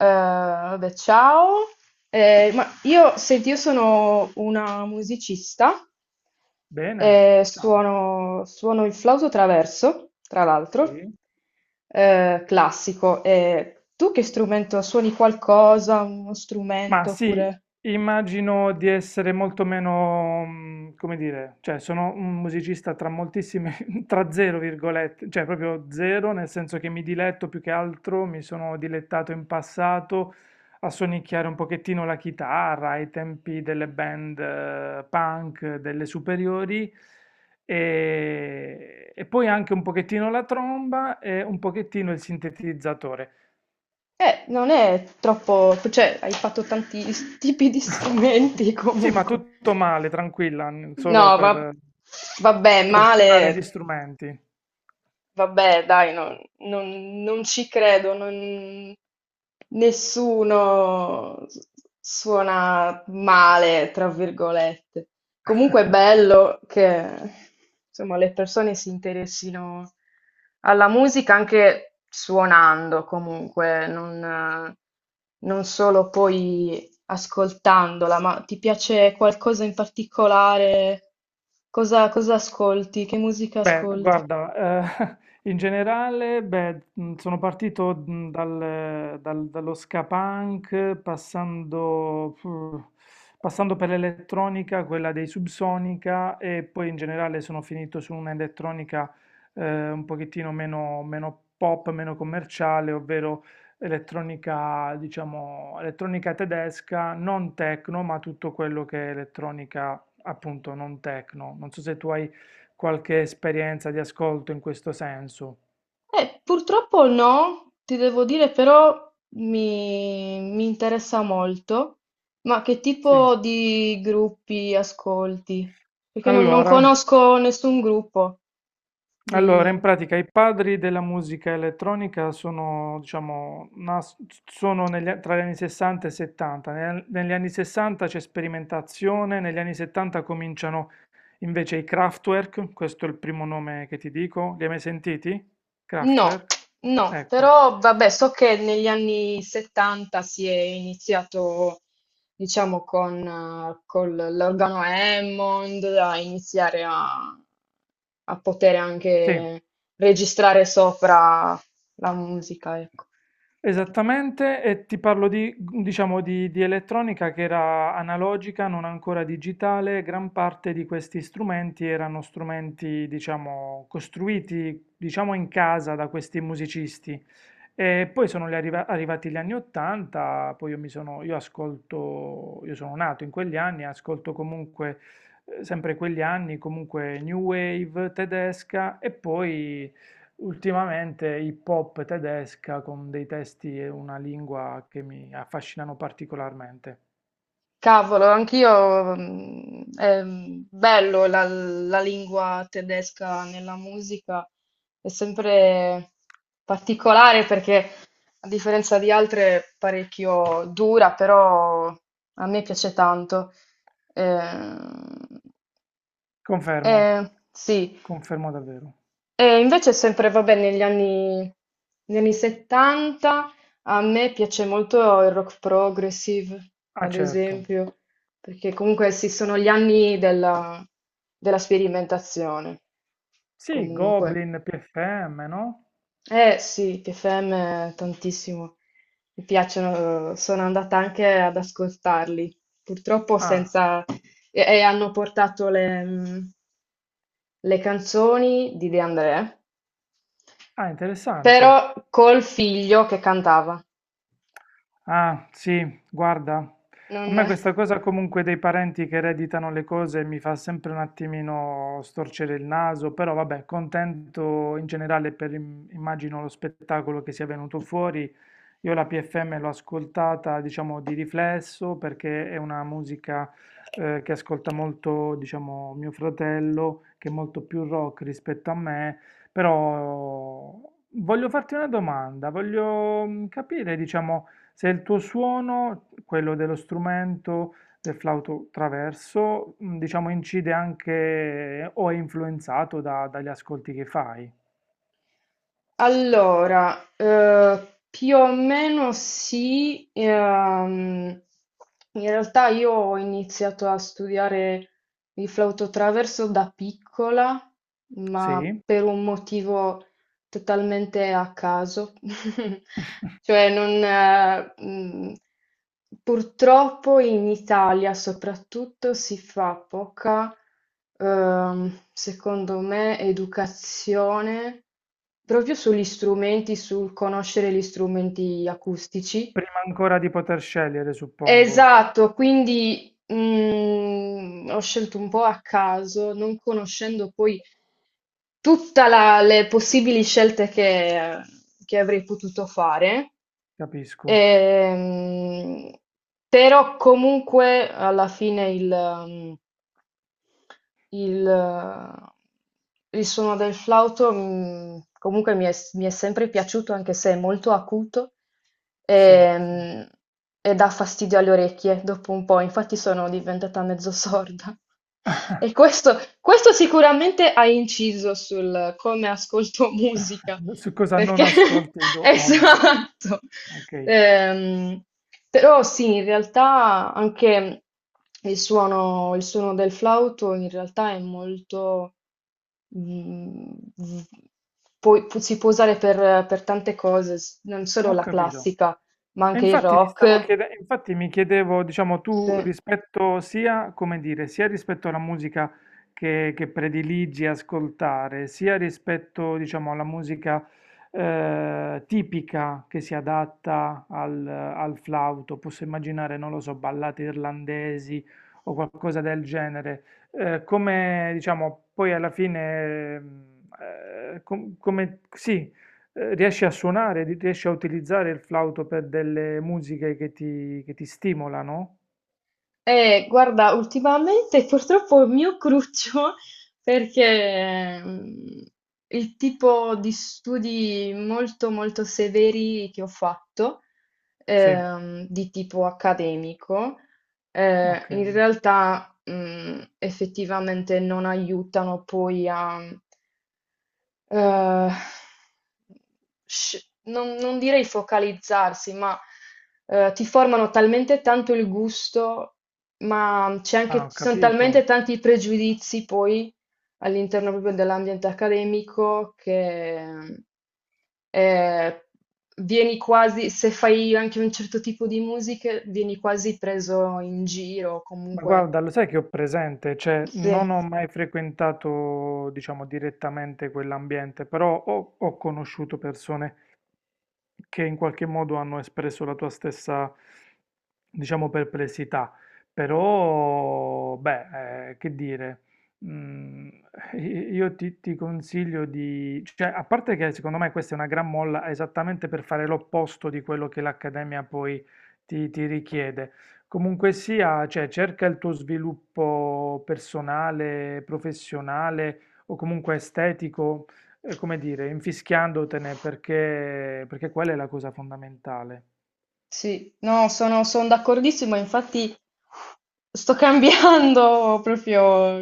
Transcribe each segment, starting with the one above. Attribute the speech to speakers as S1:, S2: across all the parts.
S1: Ciao. Ma io, senti, io sono una musicista,
S2: Bene, ciao.
S1: suono il flauto traverso, tra l'altro,
S2: Sì.
S1: classico. E tu che strumento suoni qualcosa, uno
S2: Ma
S1: strumento
S2: sì,
S1: oppure...
S2: immagino di essere molto meno, come dire, cioè sono un musicista tra moltissime, tra zero virgolette, cioè proprio zero, nel senso che mi diletto più che altro, mi sono dilettato in passato a sonicchiare un pochettino la chitarra ai tempi delle band punk delle superiori e poi anche un pochettino la tromba e un pochettino il sintetizzatore.
S1: Non è troppo... hai fatto tanti tipi di strumenti
S2: Sì, ma
S1: comunque.
S2: tutto male, tranquilla, solo
S1: No,
S2: per
S1: vabbè,
S2: torturare gli
S1: male.
S2: strumenti.
S1: Vabbè, dai, non ci credo, nessuno suona male, tra virgolette. Comunque è bello che, insomma, le persone si interessino alla musica anche suonando, comunque, non solo poi ascoltandola, ma ti piace qualcosa in particolare? Cosa ascolti? Che musica
S2: Beh,
S1: ascolti?
S2: guarda, in generale, beh, sono partito dallo ska punk, passando per l'elettronica, quella dei Subsonica, e poi in generale sono finito su un'elettronica un pochettino meno, meno pop, meno commerciale, ovvero elettronica, diciamo, elettronica tedesca, non techno, ma tutto quello che è elettronica, appunto, non techno. Non so se tu hai qualche esperienza di ascolto in questo senso.
S1: Purtroppo no, ti devo dire però mi interessa molto, ma che
S2: Sì.
S1: tipo di gruppi ascolti? Perché non
S2: Allora,
S1: conosco nessun gruppo
S2: allora, in
S1: di...
S2: pratica i padri della musica elettronica sono, diciamo, sono tra gli anni 60 e 70. Negli anni 60 c'è sperimentazione, negli anni 70 cominciano invece i Kraftwerk, questo è il primo nome che ti dico. Li hai mai sentiti?
S1: No,
S2: Kraftwerk?
S1: no,
S2: Ecco.
S1: però vabbè, so che negli anni 70 si è iniziato, diciamo, con, l'organo Hammond a iniziare a, a poter
S2: Sì.
S1: anche registrare sopra la musica, ecco.
S2: Esattamente, e ti parlo di, diciamo, di elettronica che era analogica, non ancora digitale. Gran parte di questi strumenti erano strumenti, diciamo, costruiti, diciamo, in casa da questi musicisti. E poi sono gli arrivati gli anni 80, poi io sono nato in quegli anni, ascolto comunque, sempre quegli anni, comunque New Wave tedesca e poi ultimamente hip hop tedesca con dei testi e una lingua che mi affascinano particolarmente.
S1: Cavolo, anch'io, mm, è bello la lingua tedesca nella musica, è sempre particolare perché a differenza di altre è parecchio dura, però a me piace tanto. Eh,
S2: Confermo,
S1: sì,
S2: confermo davvero.
S1: e invece è sempre, vabbè, negli anni 70 a me piace molto il rock progressive,
S2: Ah,
S1: ad
S2: certo.
S1: esempio, perché comunque sì, sono gli anni della sperimentazione,
S2: Sì,
S1: comunque.
S2: Goblin, PFM, no?
S1: Eh sì, TFM tantissimo, mi piacciono, sono andata anche ad ascoltarli, purtroppo
S2: Ah,
S1: senza... e hanno portato le canzoni di De André.
S2: ah, interessante.
S1: Però col figlio che cantava.
S2: Ah, sì, guarda, a
S1: Non...
S2: me questa cosa comunque dei parenti che ereditano le cose mi fa sempre un attimino storcere il naso, però vabbè, contento in generale per immagino lo spettacolo che sia venuto fuori. Io la PFM l'ho ascoltata, diciamo, di riflesso perché è una musica che ascolta molto, diciamo, mio fratello, che è molto più rock rispetto a me. Però voglio farti una domanda, voglio capire, diciamo, se il tuo suono, quello dello strumento, del flauto traverso, diciamo incide anche o è influenzato dagli ascolti che fai.
S1: Allora, più o meno sì, in realtà io ho iniziato a studiare il flauto traverso da piccola, ma
S2: Sì.
S1: per un motivo totalmente a caso. Cioè, non, purtroppo in Italia soprattutto si fa poca, secondo me, educazione proprio sugli strumenti, sul conoscere gli strumenti acustici.
S2: Prima ancora di poter scegliere, suppongo.
S1: Esatto, quindi ho scelto un po' a caso, non conoscendo poi tutta la le possibili scelte che avrei potuto fare,
S2: Capisco.
S1: ehm, però comunque alla fine il suono del flauto comunque mi è sempre piaciuto, anche se è molto acuto
S2: Sì,
S1: e,
S2: sì.
S1: mm, e dà fastidio alle orecchie dopo un po', infatti sono diventata mezzo sorda. E questo sicuramente ha inciso sul come ascolto musica.
S2: Su cosa non
S1: Perché
S2: ascolti oggi.
S1: esatto.
S2: Ok,
S1: Ehm, però sì, in realtà anche il suono del flauto in realtà è molto... mm, v- poi si può usare per tante cose, non solo
S2: ho
S1: la
S2: capito.
S1: classica, ma
S2: E
S1: anche il
S2: infatti mi stavo
S1: rock.
S2: infatti mi chiedevo, diciamo, tu
S1: Sì.
S2: rispetto sia, come dire, sia rispetto alla musica che prediligi ascoltare, sia rispetto, diciamo, alla musica tipica che si adatta al flauto, posso immaginare, non lo so, ballate irlandesi o qualcosa del genere, come, diciamo, poi alla fine, come, sì, riesci a suonare, riesci a utilizzare il flauto per delle musiche che ti stimolano?
S1: Guarda, ultimamente purtroppo è il mio cruccio perché il tipo di studi molto molto severi che ho fatto,
S2: Sì,
S1: di tipo accademico,
S2: ok.
S1: in realtà effettivamente non aiutano poi a eh, non direi focalizzarsi, ma ti formano talmente tanto il gusto, ma
S2: Ah, ho
S1: ci sono
S2: capito.
S1: talmente tanti pregiudizi poi all'interno proprio dell'ambiente accademico che eh, vieni quasi, se fai anche un certo tipo di musica, vieni quasi preso in giro,
S2: Ma
S1: comunque.
S2: guarda, lo sai che ho presente, cioè
S1: Sì,
S2: non ho mai frequentato, diciamo, direttamente quell'ambiente, però ho conosciuto persone che in qualche modo hanno espresso la tua stessa, diciamo, perplessità. Però, beh, che dire, mm, io ti consiglio di, cioè, a parte che secondo me questa è una gran molla esattamente per fare l'opposto di quello che l'Accademia poi ti richiede. Comunque sia, cioè, cerca il tuo sviluppo personale, professionale o comunque estetico come dire, infischiandotene perché quella è la cosa fondamentale.
S1: sì, no, sono d'accordissimo, infatti. Sto cambiando proprio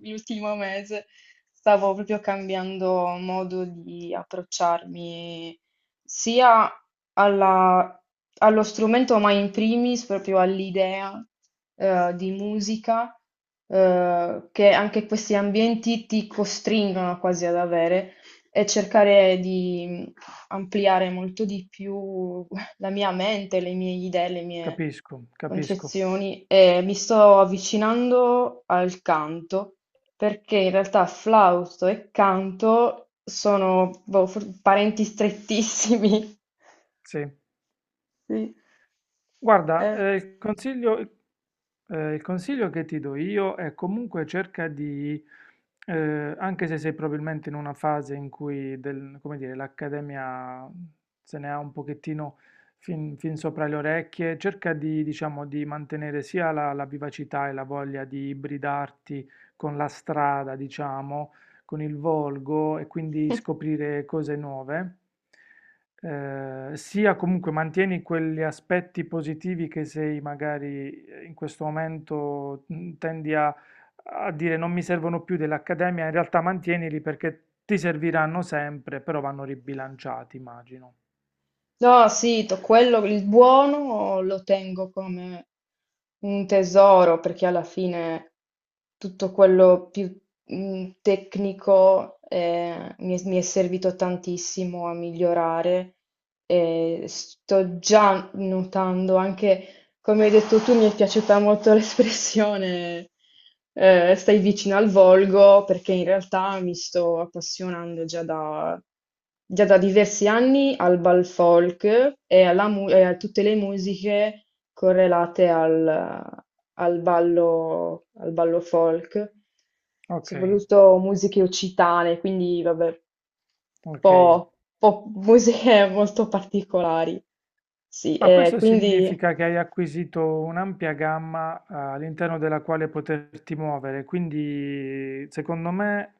S1: l'ultimo mese, stavo proprio cambiando modo di approcciarmi sia alla- allo strumento, ma in primis proprio all'idea di musica che anche questi ambienti ti costringono quasi ad avere e cercare di ampliare molto di più la mia mente, le mie idee, le mie
S2: Capisco, capisco.
S1: concezioni e mi sto avvicinando al canto perché in realtà flausto e canto sono boh, parenti strettissimi.
S2: Sì.
S1: Sì.
S2: Guarda,
S1: Eh.
S2: il consiglio che ti do io è comunque cerca di, anche se sei probabilmente in una fase in cui come dire, l'accademia se ne ha un pochettino fin sopra le orecchie, cerca di, diciamo, di mantenere sia la vivacità e la voglia di ibridarti con la strada, diciamo, con il volgo e quindi scoprire cose nuove sia comunque mantieni quegli aspetti positivi che sei magari in questo momento tendi a dire non mi servono più dell'accademia, in realtà mantienili perché ti serviranno sempre, però vanno ribilanciati, immagino.
S1: No, sì, quello, il buono lo tengo come un tesoro perché alla fine tutto quello più tecnico mi è servito tantissimo a migliorare e sto già notando anche come hai detto tu, mi è piaciuta molto l'espressione stai vicino al volgo, perché in realtà mi sto appassionando già da diversi anni al bal folk alla e a tutte le musiche correlate al ballo folk,
S2: Ok,
S1: soprattutto musiche occitane, quindi vabbè,
S2: ok.
S1: un po' musiche molto particolari. Sì,
S2: Ma
S1: e
S2: questo
S1: quindi...
S2: significa che hai acquisito un'ampia gamma, all'interno della quale poterti muovere, quindi secondo me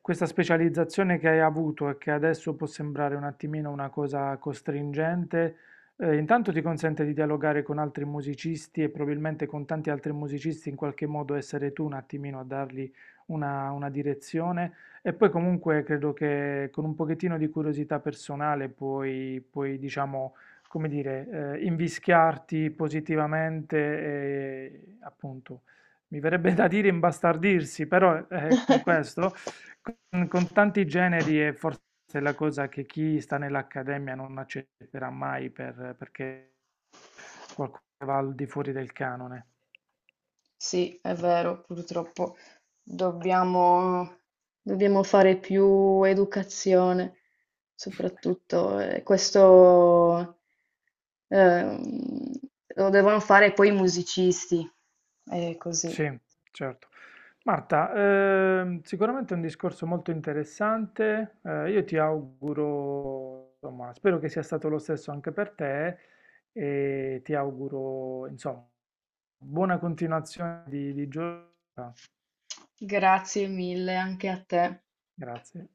S2: questa specializzazione che hai avuto e che adesso può sembrare un attimino una cosa costringente, intanto ti consente di dialogare con altri musicisti e probabilmente con tanti altri musicisti in qualche modo essere tu un attimino a dargli una direzione e poi comunque credo che con un pochettino di curiosità personale puoi diciamo come dire, invischiarti positivamente e appunto, mi verrebbe da dire imbastardirsi, però è questo, con, tanti generi è forse la cosa che chi sta nell'accademia non accetterà mai perché qualcosa va al di fuori del canone.
S1: Sì, è vero, purtroppo dobbiamo, dobbiamo fare più educazione, soprattutto questo ehm, lo devono fare poi i musicisti, è così.
S2: Sì, certo. Marta, sicuramente è un discorso molto interessante. Io ti auguro, insomma, spero che sia stato lo stesso anche per te e ti auguro, insomma, buona continuazione di giornata.
S1: Grazie mille anche a te.
S2: Grazie.